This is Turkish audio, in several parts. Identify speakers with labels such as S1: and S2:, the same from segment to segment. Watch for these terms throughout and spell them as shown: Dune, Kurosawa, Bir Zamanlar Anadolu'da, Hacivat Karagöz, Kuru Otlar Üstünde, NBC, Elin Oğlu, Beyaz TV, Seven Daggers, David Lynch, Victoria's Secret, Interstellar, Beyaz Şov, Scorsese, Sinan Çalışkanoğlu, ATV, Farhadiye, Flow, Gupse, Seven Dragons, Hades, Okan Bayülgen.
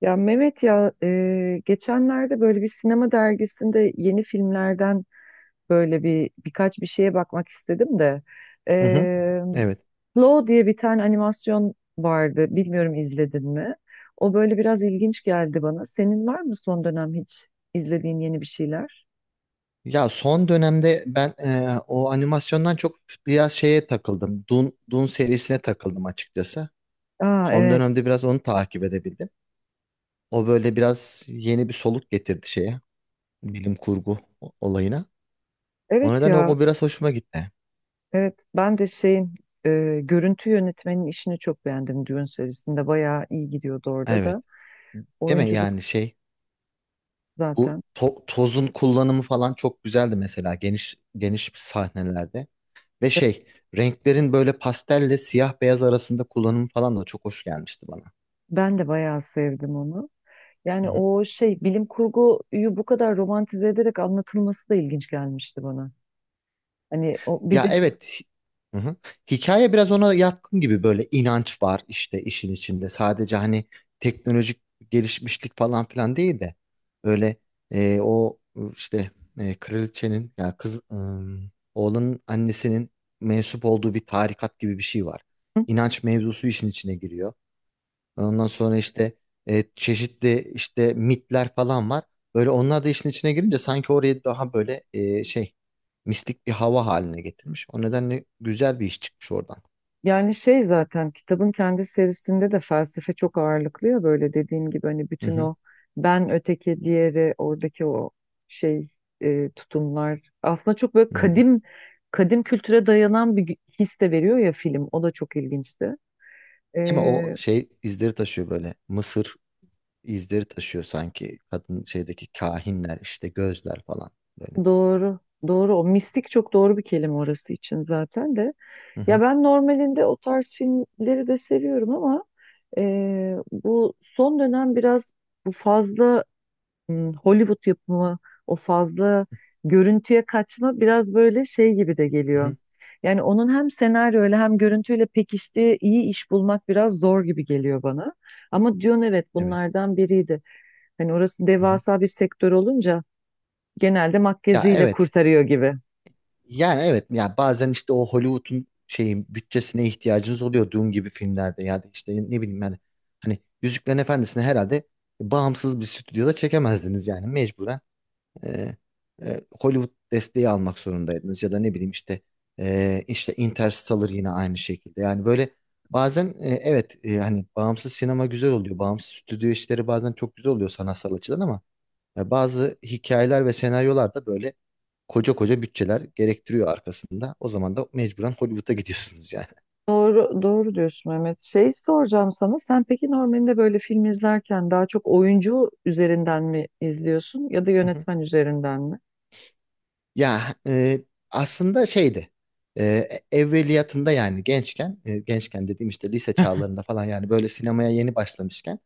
S1: Ya Mehmet ya, geçenlerde böyle bir sinema dergisinde yeni filmlerden böyle birkaç bir şeye bakmak istedim de, e,
S2: Hı hı. Evet.
S1: Flow diye bir tane animasyon vardı. Bilmiyorum izledin mi? O böyle biraz ilginç geldi bana. Senin var mı son dönem hiç izlediğin yeni bir şeyler?
S2: Ya son dönemde ben o animasyondan çok biraz şeye takıldım. Dune serisine takıldım açıkçası.
S1: Aa,
S2: Son
S1: evet.
S2: dönemde biraz onu takip edebildim. O böyle biraz yeni bir soluk getirdi şeye. Bilim kurgu olayına. O
S1: Evet
S2: nedenle o,
S1: ya.
S2: o biraz hoşuma gitti.
S1: Evet, ben de şeyin, görüntü yönetmenin işini çok beğendim Dune serisinde. Bayağı iyi gidiyordu orada
S2: Evet.
S1: da.
S2: Değil mi
S1: Oyunculuk
S2: yani şey bu
S1: zaten.
S2: tozun kullanımı falan çok güzeldi mesela geniş geniş sahnelerde. Ve şey renklerin böyle pastelle siyah beyaz arasında kullanımı falan da çok hoş gelmişti bana.
S1: Ben de bayağı sevdim onu. Yani o şey bilim kurguyu bu kadar romantize ederek anlatılması da ilginç gelmişti bana. Hani o bir
S2: Ya
S1: de,
S2: evet. Hı hı. Hikaye biraz ona yatkın gibi böyle inanç var işte işin içinde. Sadece hani teknolojik gelişmişlik falan filan değil de öyle o işte kraliçenin ya oğlanın annesinin mensup olduğu bir tarikat gibi bir şey var. İnanç mevzusu işin içine giriyor. Ondan sonra işte çeşitli işte mitler falan var. Böyle onlar da işin içine girince sanki orayı daha böyle şey mistik bir hava haline getirmiş. O nedenle güzel bir iş çıkmış oradan.
S1: yani şey, zaten kitabın kendi serisinde de felsefe çok ağırlıklı ya, böyle dediğim gibi hani
S2: Hı
S1: bütün
S2: hı,
S1: o ben öteki diğeri oradaki o şey, tutumlar aslında çok böyle
S2: hı hı.
S1: kadim kültüre dayanan bir his de veriyor ya film, o da çok ilginçti.
S2: Ama
S1: E,
S2: o şey izleri taşıyor böyle. Mısır izleri taşıyor sanki. Kadın şeydeki kahinler işte gözler falan böyle.
S1: doğru, doğru, o mistik çok doğru bir kelime orası için zaten de.
S2: Hı hı,
S1: Ya ben normalinde o tarz filmleri de seviyorum ama bu son dönem biraz bu fazla Hollywood yapımı, o fazla görüntüye kaçma biraz böyle şey gibi de
S2: hı
S1: geliyor.
S2: hı.
S1: Yani onun hem senaryoyla hem görüntüyle pekiştiği iyi iş bulmak biraz zor gibi geliyor bana. Ama Dune, evet,
S2: Evet.
S1: bunlardan biriydi. Hani orası
S2: Hı hı.
S1: devasa bir sektör olunca genelde
S2: Ya
S1: makyajıyla
S2: evet.
S1: kurtarıyor gibi.
S2: Yani evet ya bazen işte o Hollywood'un şeyin bütçesine ihtiyacınız oluyor Dune gibi filmlerde ya da işte ne bileyim yani hani Yüzüklerin Efendisi'ni herhalde bağımsız bir stüdyoda çekemezdiniz yani mecburen e, Hollywood desteği almak zorundaydınız ya da ne bileyim işte işte Interstellar yine aynı şekilde yani böyle bazen evet hani bağımsız sinema güzel oluyor bağımsız stüdyo işleri bazen çok güzel oluyor sanatsal açıdan ama ya bazı hikayeler ve senaryolar da böyle koca koca bütçeler gerektiriyor arkasında. O zaman da mecburen Hollywood'a gidiyorsunuz yani.
S1: Doğru, doğru diyorsun Mehmet. Şey soracağım sana. Sen peki normalde böyle film izlerken daha çok oyuncu üzerinden mi izliyorsun ya da yönetmen üzerinden mi?
S2: Ya aslında şeydi. Evveliyatında yani gençken dediğim işte lise çağlarında falan yani böyle sinemaya yeni başlamışken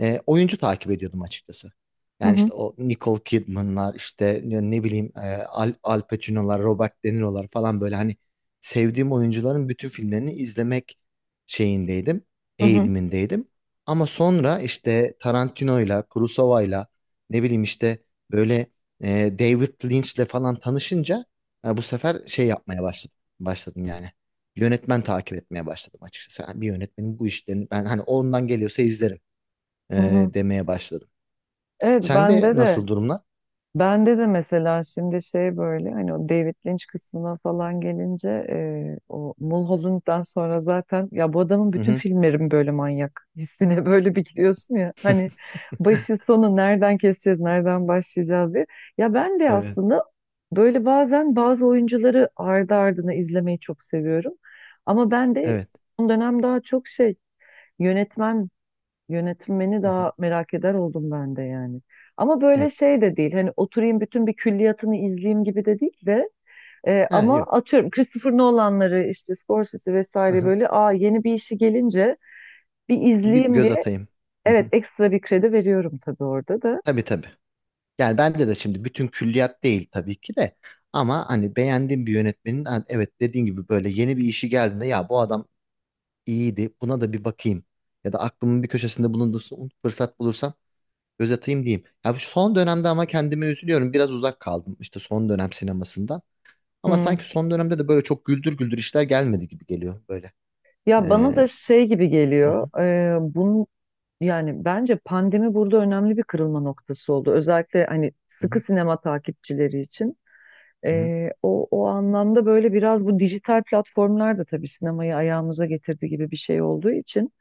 S2: oyuncu takip ediyordum açıkçası.
S1: Hı
S2: Yani
S1: hı,
S2: işte o Nicole Kidman'lar işte ne bileyim Al Pacino'lar, Robert De Niro'lar falan böyle hani sevdiğim oyuncuların bütün filmlerini izlemek şeyindeydim,
S1: hı hı,
S2: eğilimindeydim. Ama sonra işte Tarantino'yla, Kurosawa'yla ne bileyim işte böyle David Lynch'le falan tanışınca bu sefer şey yapmaya başladım. Başladım yani. Yönetmen takip etmeye başladım açıkçası. Yani bir yönetmenin bu işlerini ben hani ondan geliyorsa izlerim
S1: hı hı.
S2: demeye başladım.
S1: Evet,
S2: Sen de
S1: bende de.
S2: nasıl durumlar?
S1: Bende de mesela şimdi şey, böyle hani o David Lynch kısmına falan gelince, o Mulholland'dan sonra zaten ya, bu adamın
S2: Hı
S1: bütün
S2: hı.
S1: filmlerim böyle manyak hissine böyle bir giriyorsun ya hani, başı sonu nereden keseceğiz nereden başlayacağız diye. Ya ben de
S2: Evet.
S1: aslında böyle bazen bazı oyuncuları ardı ardına izlemeyi çok seviyorum ama ben de
S2: Evet.
S1: son dönem daha çok şey, yönetmen, yönetmeni
S2: Hı hı.
S1: daha merak eder oldum ben de yani. Ama
S2: Ha,
S1: böyle şey de değil. Hani oturayım bütün bir külliyatını izleyeyim gibi de değil de,
S2: ha,
S1: ama
S2: yok.
S1: atıyorum Christopher Nolan'ları, işte Scorsese
S2: Hı
S1: vesaire,
S2: hı.
S1: böyle aa yeni bir işi gelince bir
S2: Bir
S1: izleyeyim
S2: göz
S1: diye
S2: atayım. Hı
S1: evet,
S2: hı.
S1: ekstra bir kredi veriyorum tabii orada da.
S2: Tabii tabii. Yani bende de şimdi bütün külliyat değil tabii ki de. Ama hani beğendiğim bir yönetmenin ha, evet dediğin gibi böyle yeni bir işi geldiğinde ya bu adam iyiydi. Buna da bir bakayım. Ya da aklımın bir köşesinde bulundursun. Fırsat bulursam göz atayım diyeyim. Ya bu son dönemde ama kendime üzülüyorum. Biraz uzak kaldım işte son dönem sinemasından. Ama
S1: Hı.
S2: sanki son dönemde de böyle çok güldür güldür işler gelmedi gibi geliyor böyle.
S1: Ya, bana
S2: Ee,
S1: da şey gibi
S2: hı
S1: geliyor.
S2: hı,
S1: Bunun, yani bence pandemi burada önemli bir kırılma noktası oldu. Özellikle hani
S2: hı
S1: sıkı
S2: hı,
S1: sinema takipçileri için.
S2: hı hı.
S1: O anlamda böyle biraz bu dijital platformlar da tabii sinemayı ayağımıza getirdi gibi bir şey olduğu için,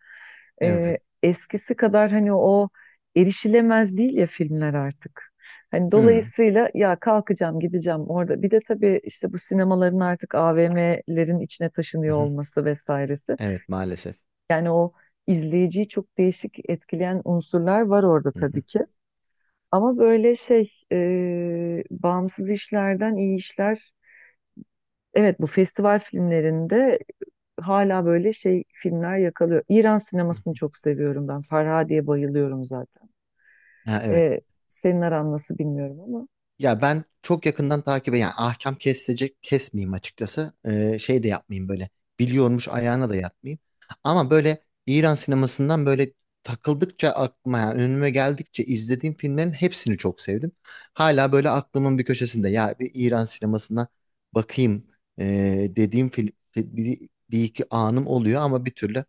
S2: Evet.
S1: eskisi kadar hani o erişilemez değil ya filmler artık. Hani
S2: Hı,
S1: dolayısıyla ya, kalkacağım gideceğim orada. Bir de tabii işte bu sinemaların artık AVM'lerin içine
S2: hı
S1: taşınıyor
S2: hı.
S1: olması vesairesi.
S2: Evet maalesef.
S1: Yani o izleyiciyi çok değişik etkileyen unsurlar var orada
S2: Hı
S1: tabii
S2: hı,
S1: ki. Ama böyle şey, bağımsız işlerden iyi işler. Evet, bu festival filmlerinde hala böyle şey filmler yakalıyor. İran
S2: hı
S1: sinemasını
S2: hı.
S1: çok seviyorum ben. Farhadiye bayılıyorum zaten.
S2: Ha, evet.
S1: E, senin aran nasıl bilmiyorum ama.
S2: Ya ben çok yakından takip yani ahkam kesilecek kesmeyeyim açıkçası. Şey de yapmayayım böyle biliyormuş ayağına da yatmayayım. Ama böyle İran sinemasından böyle takıldıkça aklıma yani önüme geldikçe izlediğim filmlerin hepsini çok sevdim. Hala böyle aklımın bir köşesinde ya bir İran sinemasına bakayım dediğim film bir, bir iki anım oluyor ama bir türlü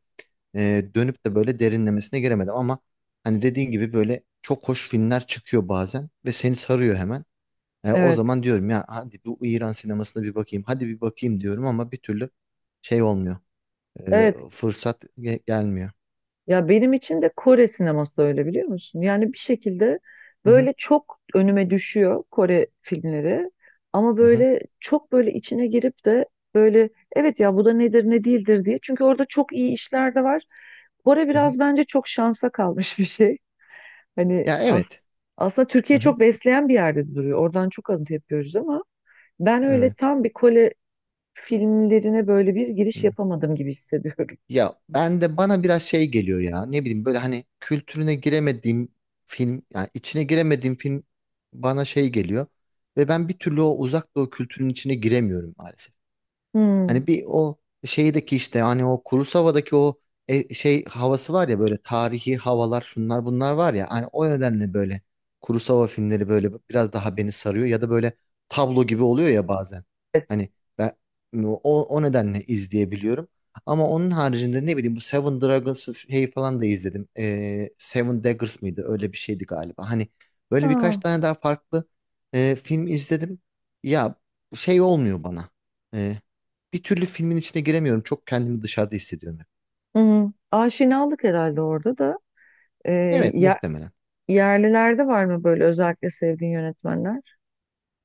S2: dönüp de böyle derinlemesine giremedim ama hani dediğin gibi böyle çok hoş filmler çıkıyor bazen ve seni sarıyor hemen. O
S1: Evet.
S2: zaman diyorum ya hadi bu İran sinemasına bir bakayım. Hadi bir bakayım diyorum ama bir türlü şey olmuyor.
S1: Evet.
S2: Fırsat gelmiyor.
S1: Ya benim için de Kore sineması da öyle, biliyor musun? Yani bir şekilde
S2: Hı hı,
S1: böyle çok önüme düşüyor Kore filmleri ama
S2: hı hı,
S1: böyle çok, böyle içine girip de böyle, evet ya, bu da nedir ne değildir diye. Çünkü orada çok iyi işler de var. Kore
S2: hı hı.
S1: biraz bence çok şansa kalmış bir şey. Hani
S2: Ya
S1: as
S2: evet.
S1: aslında Türkiye
S2: Hı hı,
S1: çok besleyen bir yerde duruyor. Oradan çok alıntı yapıyoruz ama ben öyle
S2: evet.
S1: tam bir Kore filmlerine böyle bir giriş
S2: Hı.
S1: yapamadım gibi hissediyorum.
S2: Ya ben de bana biraz şey geliyor ya. Ne bileyim böyle hani kültürüne giremediğim film yani içine giremediğim film bana şey geliyor ve ben bir türlü o uzak doğu kültürünün içine giremiyorum maalesef.
S1: Hmm.
S2: Hani bir o şeydeki işte hani o Kurosawa'daki o şey havası var ya böyle tarihi havalar şunlar bunlar var ya hani o nedenle böyle Kurosawa filmleri böyle biraz daha beni sarıyor ya da böyle tablo gibi oluyor ya bazen.
S1: Evet.
S2: Hani ben o nedenle izleyebiliyorum. Ama onun haricinde ne bileyim bu Seven Dragons şeyi falan da izledim. Seven Daggers mıydı? Öyle bir şeydi galiba. Hani böyle
S1: Aa.
S2: birkaç tane daha farklı film izledim. Ya şey olmuyor bana bir türlü filmin içine giremiyorum. Çok kendimi dışarıda hissediyorum hep.
S1: Hı-hı. Aşinalık herhalde orada da. Ee,
S2: Evet
S1: ya,
S2: muhtemelen.
S1: yerlilerde var mı böyle özellikle sevdiğin yönetmenler?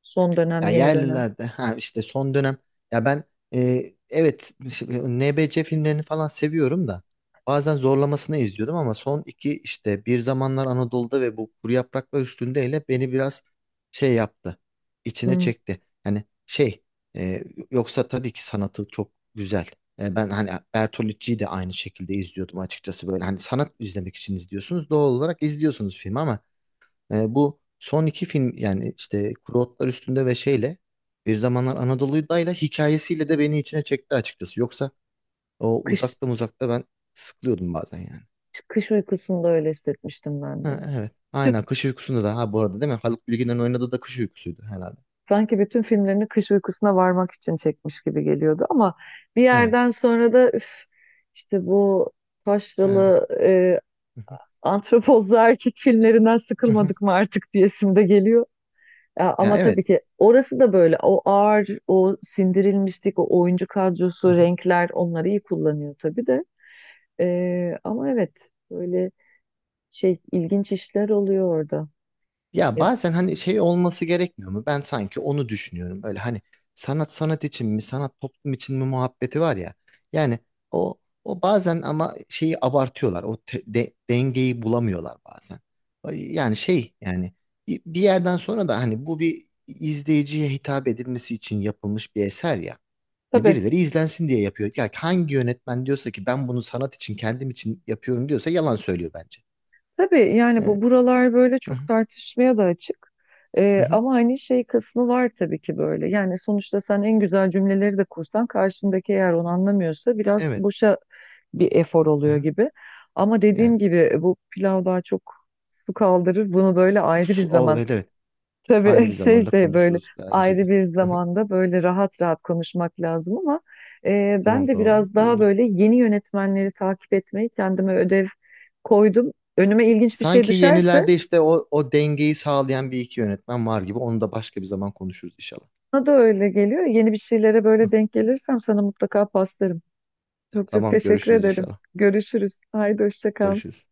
S1: Son dönem,
S2: Ya
S1: yeni dönem.
S2: yerlilerde ha işte son dönem ya ben e, evet şimdi NBC filmlerini falan seviyorum da bazen zorlamasına izliyordum ama son iki işte Bir Zamanlar Anadolu'da ve bu Kuru Yapraklar Üstünde'yle beni biraz şey yaptı. İçine
S1: Hı.
S2: çekti. Hani şey e, yoksa tabii ki sanatı çok güzel. Ben hani Bertolucci'yi de aynı şekilde izliyordum açıkçası böyle. Hani sanat izlemek için izliyorsunuz. Doğal olarak izliyorsunuz filmi ama bu son iki film yani işte Kuru Otlar Üstünde ve şeyle Bir Zamanlar Anadolu'dayla hikayesiyle de beni içine çekti açıkçası. Yoksa o
S1: Kış,
S2: uzakta uzakta ben sıkılıyordum bazen yani.
S1: kış uykusunda öyle hissetmiştim ben de.
S2: Ha, evet.
S1: Tü-
S2: Aynen Kış Uykusu'nda da ha bu arada değil mi? Haluk Bilginer'in oynadığı da Kış Uykusu'ydu herhalde.
S1: Sanki bütün filmlerini Kış Uykusu'na varmak için çekmiş gibi geliyordu ama bir
S2: Evet.
S1: yerden sonra da üf, işte bu
S2: Ha.
S1: taşralı,
S2: Hı hı.
S1: antropozlu erkek filmlerinden
S2: Hı hı.
S1: sıkılmadık mı artık diyesim de geliyor. Ya,
S2: Ya
S1: ama tabii
S2: evet.
S1: ki orası da böyle o ağır, o sindirilmişlik, o oyuncu kadrosu, renkler, onları iyi kullanıyor tabii de. Ama evet, böyle şey, ilginç işler oluyor orada.
S2: Ya
S1: Ya,
S2: bazen hani şey olması gerekmiyor mu? Ben sanki onu düşünüyorum. Böyle hani sanat sanat için mi, sanat toplum için mi muhabbeti var ya. Yani o bazen ama şeyi abartıyorlar. O dengeyi bulamıyorlar bazen. Ay, yani şey yani bir yerden sonra da hani bu bir izleyiciye hitap edilmesi için yapılmış bir eser ya. Hani
S1: tabii
S2: birileri izlensin diye yapıyor. Ya hangi yönetmen diyorsa ki ben bunu sanat için kendim için yapıyorum diyorsa yalan söylüyor bence.
S1: Tabii yani,
S2: Ee,
S1: bu buralar böyle
S2: hı hı,
S1: çok tartışmaya da açık.
S2: hı hı,
S1: Ama hani şey kısmı var tabii ki böyle. Yani sonuçta sen en güzel cümleleri de kursan karşındaki eğer onu anlamıyorsa biraz
S2: evet.
S1: boşa bir efor
S2: Hı
S1: oluyor
S2: hı,
S1: gibi. Ama
S2: yani.
S1: dediğim gibi bu pilav daha çok su kaldırır. Bunu böyle ayrı bir
S2: O,
S1: zaman.
S2: evet evet. Ayrı
S1: Tabii,
S2: bir
S1: şey
S2: zamanda
S1: şey böyle,
S2: konuşuruz bence de.
S1: ayrı bir zamanda böyle rahat rahat konuşmak lazım ama, ben
S2: Tamam
S1: de
S2: tamam.
S1: biraz daha
S2: Olur.
S1: böyle yeni yönetmenleri takip etmeyi kendime ödev koydum. Önüme ilginç bir şey
S2: Sanki
S1: düşerse
S2: yenilerde işte o dengeyi sağlayan bir iki yönetmen var gibi. Onu da başka bir zaman konuşuruz inşallah.
S1: bana da öyle geliyor. Yeni bir şeylere böyle denk gelirsem sana mutlaka paslarım. Çok çok
S2: Tamam
S1: teşekkür
S2: görüşürüz
S1: ederim.
S2: inşallah.
S1: Görüşürüz. Haydi, hoşça kal.
S2: Görüşürüz.